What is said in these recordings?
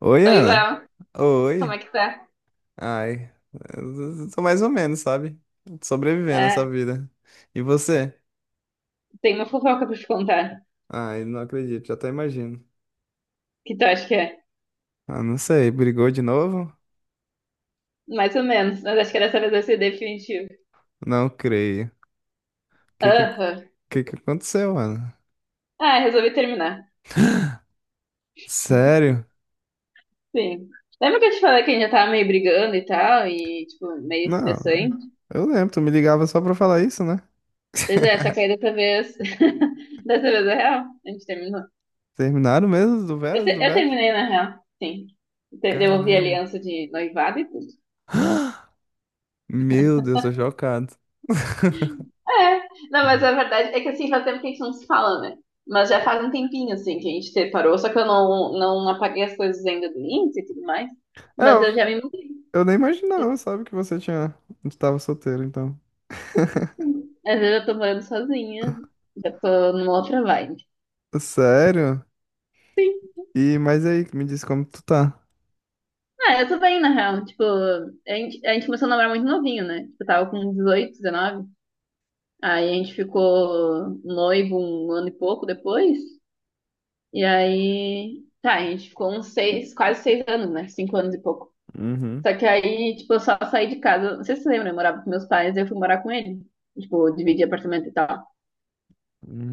Oi, Oi, Ana. Léo, como Oi. é que tá? Ai, eu tô mais ou menos, sabe? Sobrevivendo É, essa vida. E você? tem uma fofoca pra te contar. Ai, não acredito, já até imagino. Que tu acha que é? Ah, não sei, brigou de novo? Mais ou menos, mas acho que dessa vez vai ser definitivo. Não creio. O que que, Aham. que que aconteceu, Ana? Ah, resolvi terminar. Sério? Sim. Lembra que eu te falei que a gente já tava meio brigando e tal, e, tipo, meio Não, estressante? eu lembro, tu me ligava só pra falar isso, né? Pois é, só que aí dessa vez. Dessa vez é real? A gente terminou. Terminaram mesmo do Eu, te- Veras, do eu Vera? terminei na real, sim. Devolvi a Caramba. aliança de noivado e tudo. Meu Deus, tô chocado. É, não, mas a verdade é que assim, faz tempo que a gente não se fala, né? Mas já faz um tempinho, assim, que a gente separou, só que eu não apaguei as coisas ainda do Insta e tudo mais. É, Mas eu eu já me mudei. Eu nem imaginava, sabe, que você tinha. Tu tava solteiro, então. Sim. Às vezes eu tô morando sozinha, já tô numa outra vibe. Sério? Sim. E, mas aí, me diz como tu tá. Ah, eu tô bem, na real. Tipo, a gente começou a namorar muito novinho, né? Tipo, eu tava com 18, 19. Aí a gente ficou noivo um ano e pouco depois. E aí, tá, a gente ficou uns seis, quase 6 anos, né? 5 anos e pouco. Uhum, Só que aí, tipo, eu só saí de casa. Não sei se você lembra, eu morava com meus pais, e eu fui morar com ele. Tipo, dividir apartamento e tal.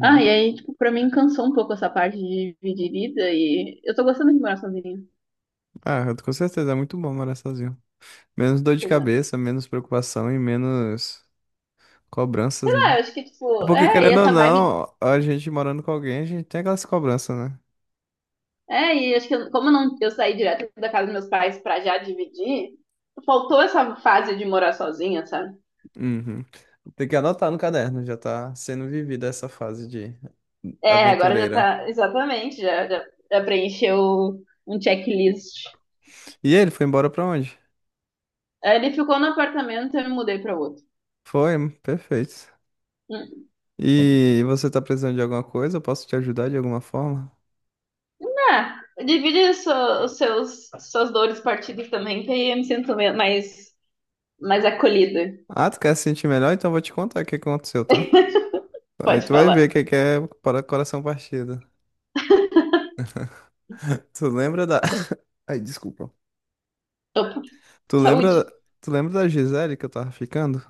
Ah, e aí, tipo, pra mim cansou um pouco essa parte de dividir vida e eu tô gostando de morar sozinha. Ah, com certeza, é muito bom morar sozinho. Menos dor de Pois é. Sei cabeça, menos preocupação e menos cobranças, né? lá, eu acho que, É tipo, porque, é, e querendo ou essa vibe. não, a gente morando com alguém, a gente tem aquelas cobranças, né? É, e acho que como eu não, eu saí direto da casa dos meus pais pra já dividir, faltou essa fase de morar sozinha, sabe? Uhum. Tem que anotar no caderno, já tá sendo vivida essa fase de É, agora já aventureira. tá, exatamente, já preencheu um checklist. E ele foi embora pra onde? Aí ele ficou no apartamento e eu me mudei pra outro. Foi, perfeito. E você tá precisando de alguma coisa? Eu posso te ajudar de alguma forma? Ah, divide os seus, suas dores partidas também, que aí eu me sinto mais acolhida. Ah, tu quer se sentir melhor? Então eu vou te contar o que aconteceu, tá? Aí Pode tu vai ver falar. o que que é para coração partido. Tu lembra da... Ai, desculpa. Tu lembra, Saúde. tu lembra da Gisele que eu tava ficando?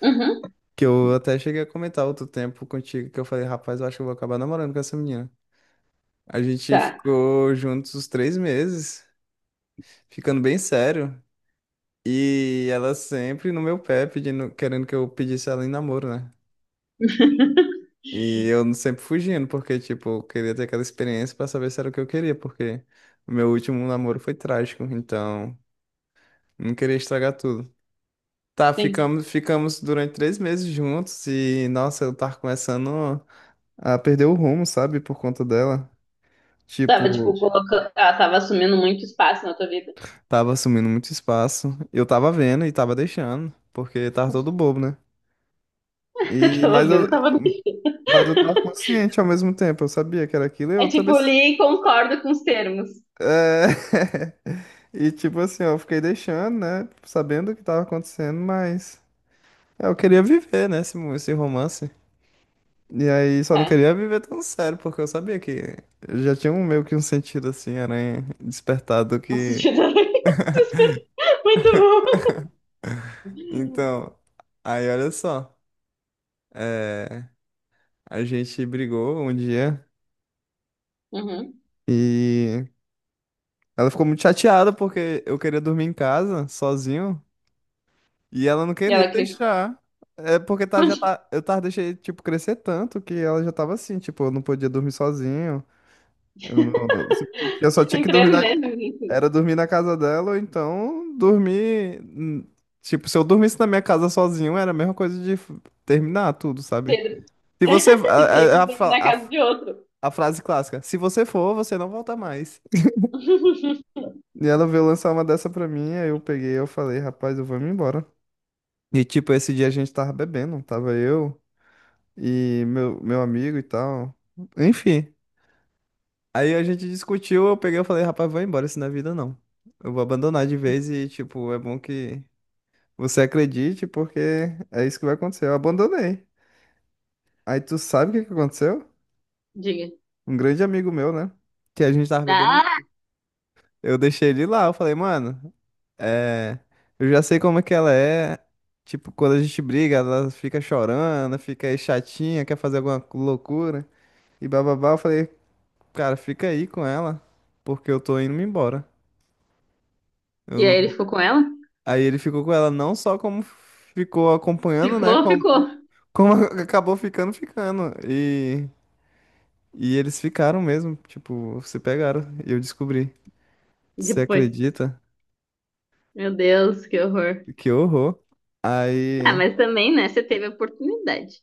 Uhum, Que eu até cheguei a comentar outro tempo contigo que eu falei, rapaz, eu acho que eu vou acabar namorando com essa menina. A gente tá. ficou juntos uns 3 meses, ficando bem sério. E ela sempre no meu pé, pedindo, querendo que eu pedisse ela em namoro, né? E eu sempre fugindo, porque, tipo, eu queria ter aquela experiência pra saber se era o que eu queria, porque o meu último namoro foi trágico, então não queria estragar tudo. Tá, Sim. ficamos durante 3 meses juntos e, nossa, eu tava começando a perder o rumo, sabe, por conta dela. Tava, tipo, Tipo, colocando. Ela tava assumindo muito espaço na tua vida. tava assumindo muito espaço. Eu tava vendo e tava deixando, porque tava todo bobo, né? Eu E, mas tava eu, vendo, tava. mas eu tava consciente ao mesmo tempo, eu sabia que era aquilo e É eu também. tipo, li e concordo com os termos. É... E tipo assim, ó, eu fiquei deixando, né? Sabendo o que tava acontecendo, mas é, eu queria viver, né? Esse romance. E aí só não Tá. queria viver tão sério, porque eu sabia que eu já tinha um meio que um sentido assim, aranha despertado Um que. sentido muito bom. Então, aí olha só. é, A gente brigou um dia Uhum. e ela ficou muito chateada porque eu queria dormir em casa, sozinho. E ela não E queria ela criou. deixar. É porque eu tava deixei, tipo, crescer tanto que ela já tava assim, tipo, eu não podia dormir sozinho. Eu, não- Eu só tinha Tem que dormir três meses, enfim. era dormir na casa dela, ou então dormir. Tipo, se eu dormisse na minha casa sozinho, era a mesma coisa de terminar tudo, sabe? Cedo. Se você. De ter ido A, dormir fa- na casa de outro. a frase clássica: se você for, você não volta mais. E ela veio lançar uma dessa pra mim, aí eu peguei, eu falei, rapaz, eu vou me embora. E tipo, esse dia a gente tava bebendo, tava eu. E meu amigo e tal. Enfim. Aí a gente discutiu, eu peguei e falei, rapaz, vou embora, isso na vida não. Eu vou abandonar de vez e, tipo, é bom que você acredite, porque é isso que vai acontecer. Eu abandonei. Aí tu sabe o que que aconteceu? Diga. Um grande amigo meu, né? Que a gente tava bebendo. Ah! Eu deixei ele lá, eu falei, mano, é, eu já sei como é que ela é. Tipo, quando a gente briga, ela fica chorando, fica aí chatinha, quer fazer alguma loucura. E bababá, eu falei, cara, fica aí com ela, porque eu tô indo-me embora. Eu E aí ele não... ficou com ela? Aí ele ficou com ela não só como ficou acompanhando, né? Ficou, Como, ficou. como acabou ficando. E eles ficaram mesmo, tipo, se pegaram. E eu descobri. Você Depois. acredita? Meu Deus, que horror. Que horror. Ah, Aí. mas também, né? Você teve a oportunidade.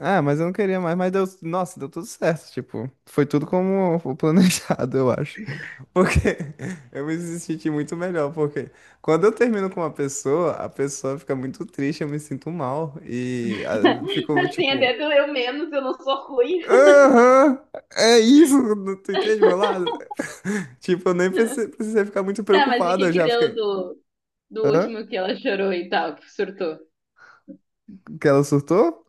Ah, mas eu não queria mais, mas deu. Nossa, deu tudo certo. Tipo, foi tudo como o planejado, eu acho. Porque eu me senti muito melhor, porque quando eu termino com uma pessoa, a pessoa fica muito triste, eu me sinto mal. E ah, fico Assim, até tipo, que eu menos, eu não sou ruim. aham, é isso, tu entende meu lado? Tipo, eu nem precisei ficar muito Tá, mas e o preocupado, que eu que já deu fiquei, do hã? último que ela chorou e tal, que surtou? Que ela surtou?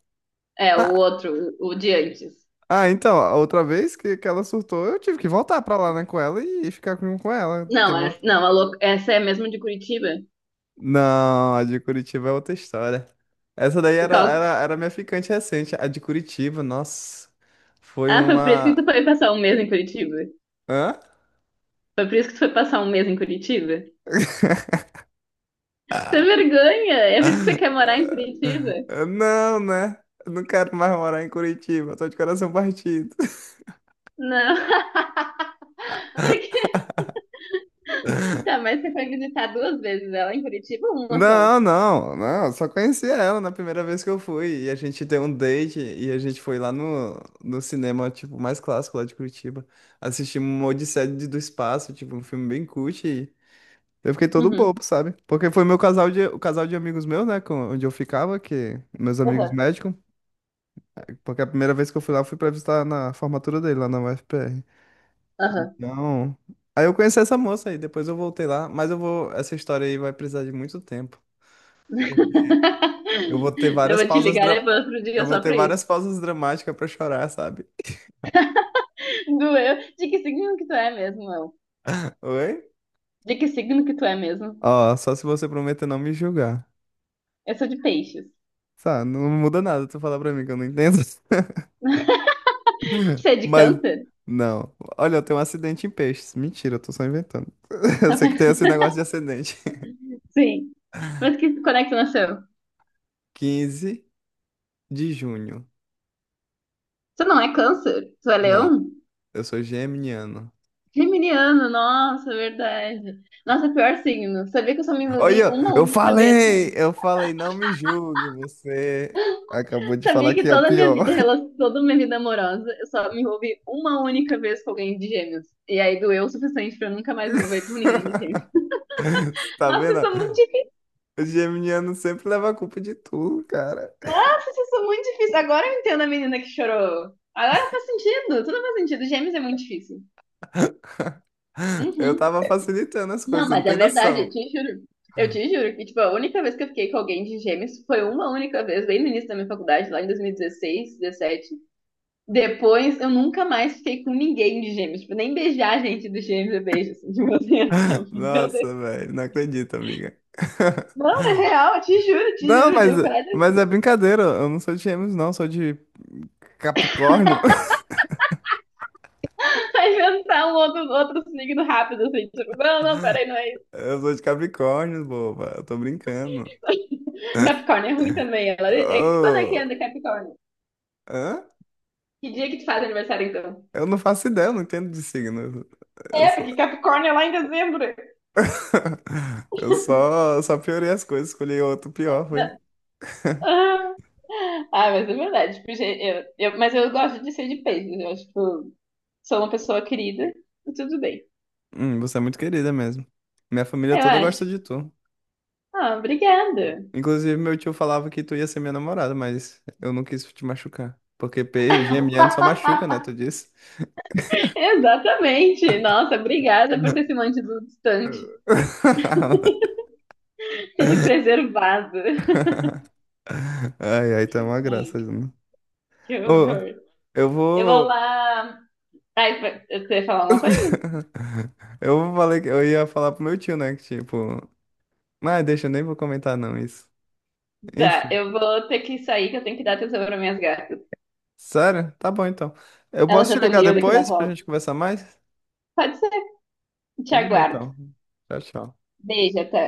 É, o Ah, outro, o de antes. ah, então, a outra vez que ela surtou, eu tive que voltar pra lá, né, com ela e ficar com ela. Tem Não, uma, essa, não, essa é mesmo de Curitiba? não, a de Curitiba é outra história. Essa daí era, Qual- era, era minha ficante recente. A de Curitiba, nossa, foi Ah, foi por isso que uma. tu foi passar um mês em Curitiba? Hã? Foi por isso que tu foi passar um mês em Curitiba? Você vergonha! É por isso que você quer morar em Curitiba? Eu não, né? Eu não quero mais morar em Curitiba, tô de coração partido. Não, porque... Tá, mas você foi visitar duas vezes ela em Curitiba ou uma só? Não, eu só conheci ela na primeira vez que eu fui. E a gente deu um date e a gente foi lá no cinema, tipo, mais clássico lá de Curitiba. Assistimos uma Odisseia do Espaço, tipo, um filme bem cult. Eu fiquei todo Uhum, bobo, sabe? Porque foi o casal de amigos meus, né? Onde eu ficava, que meus amigos aham, médicos. Porque a primeira vez que eu fui lá, eu fui pra visitar na formatura dele, lá na UFPR. aham. Então. Aí eu conheci essa moça aí, depois eu voltei lá. Mas eu vou. Essa história aí vai precisar de muito tempo. Eu vou ter Eu várias vou te pausas. ligar dra- depois outro Eu dia vou só ter pra isso. várias pausas dramáticas pra chorar, sabe? Doeu. De que signo que tu é mesmo, Léo? Oi? De que signo que tu é mesmo? Ó, só se você prometer não me julgar. Eu sou de peixes. Tá, não muda nada tu falar pra mim que eu não entendo. Você é de Mas, câncer? não. Olha, eu tenho um acidente em peixes. Mentira, eu tô só inventando. Eu Tá sei que bem. tem esse negócio de acidente. Sim. Mas que, quando é que tu nasceu? 15 de junho. Tu não é câncer? Tu é Não, leão? eu sou geminiano. Geminiano, nossa, verdade. Nossa, é pior signo. Sabia que eu só me envolvi Olha, uma eu única vez falei! com. Eu falei, não me julgue, você acabou de falar Sabia que que é o toda a minha pior. vida, toda a minha vida amorosa, eu só me envolvi uma única vez com alguém de gêmeos. E aí doeu o suficiente pra eu nunca mais me envolver com ninguém de gêmeos. Você tá Nossa, vendo? eu sou muito difícil. O geminiano sempre leva a culpa de tudo, cara. Nossa, eu sou muito difícil. Agora eu entendo a menina que chorou. Agora faz sentido. Tudo faz sentido. Gêmeos é muito difícil. Eu Uhum. tava facilitando as Não, coisas, não mas tem é verdade, eu noção. te juro. Eu te juro que, tipo, a única vez que eu fiquei com alguém de gêmeos foi uma única vez, bem no início da minha faculdade, lá em 2016, 17. Depois eu nunca mais fiquei com ninguém de gêmeos. Tipo, nem beijar a gente dos gêmeos eu beijo. Assim, tipo assim, não. Meu Deus. Nossa, velho, não acredito, amiga. Não, é real, eu te juro, te Não, juro. Tipo, peraí, mas é brincadeira. Eu não sou de gêmeos, não. eu Sou de Capricórnio. vai inventar um outro signo rápido, assim. Tipo, não, não, peraí, não é isso. Eu sou de Capricórnio, boba. Eu tô brincando. Capricórnio é ruim também. Quando é que Eu, anda Capricórnio? hã? Que dia que tu faz aniversário, então? Eu não faço ideia, eu não entendo de signo. Eu É, só, porque Capricórnio é lá em dezembro. Eu só piorei as coisas, escolhi outro pior, foi. Não. Ah, Ah, mas é verdade. Tipo, gente, mas eu gosto de ser de peixes. Eu acho que tipo, sou uma pessoa querida e tudo bem. Você é muito querida mesmo. Minha família Eu toda acho. gosta de tu. Ah, obrigada. Inclusive, meu tio falava que tu ia ser minha namorada, mas eu não quis te machucar. Porque P, geminiano só machuca, né? Tu disse. Exatamente. Nossa, obrigada por ter se mantido distante e me preservado. Ai, ai, tá uma graça, Ai, Juna. que Ô, horror. eu Eu vou vou. lá. Ai, você ia falar uma coisa? Eu falei que eu ia falar pro meu tio, né? Que tipo. Mas deixa, eu nem vou comentar não isso. Tá, Enfim. eu vou ter que sair, que eu tenho que dar atenção para minhas gatas. Sério? Tá bom então. Eu Elas posso já te estão ligar miando aqui na depois pra roda. gente conversar mais? Pode ser. Te Tudo bem aguardo. então. Tchau, tchau. Beijo, até.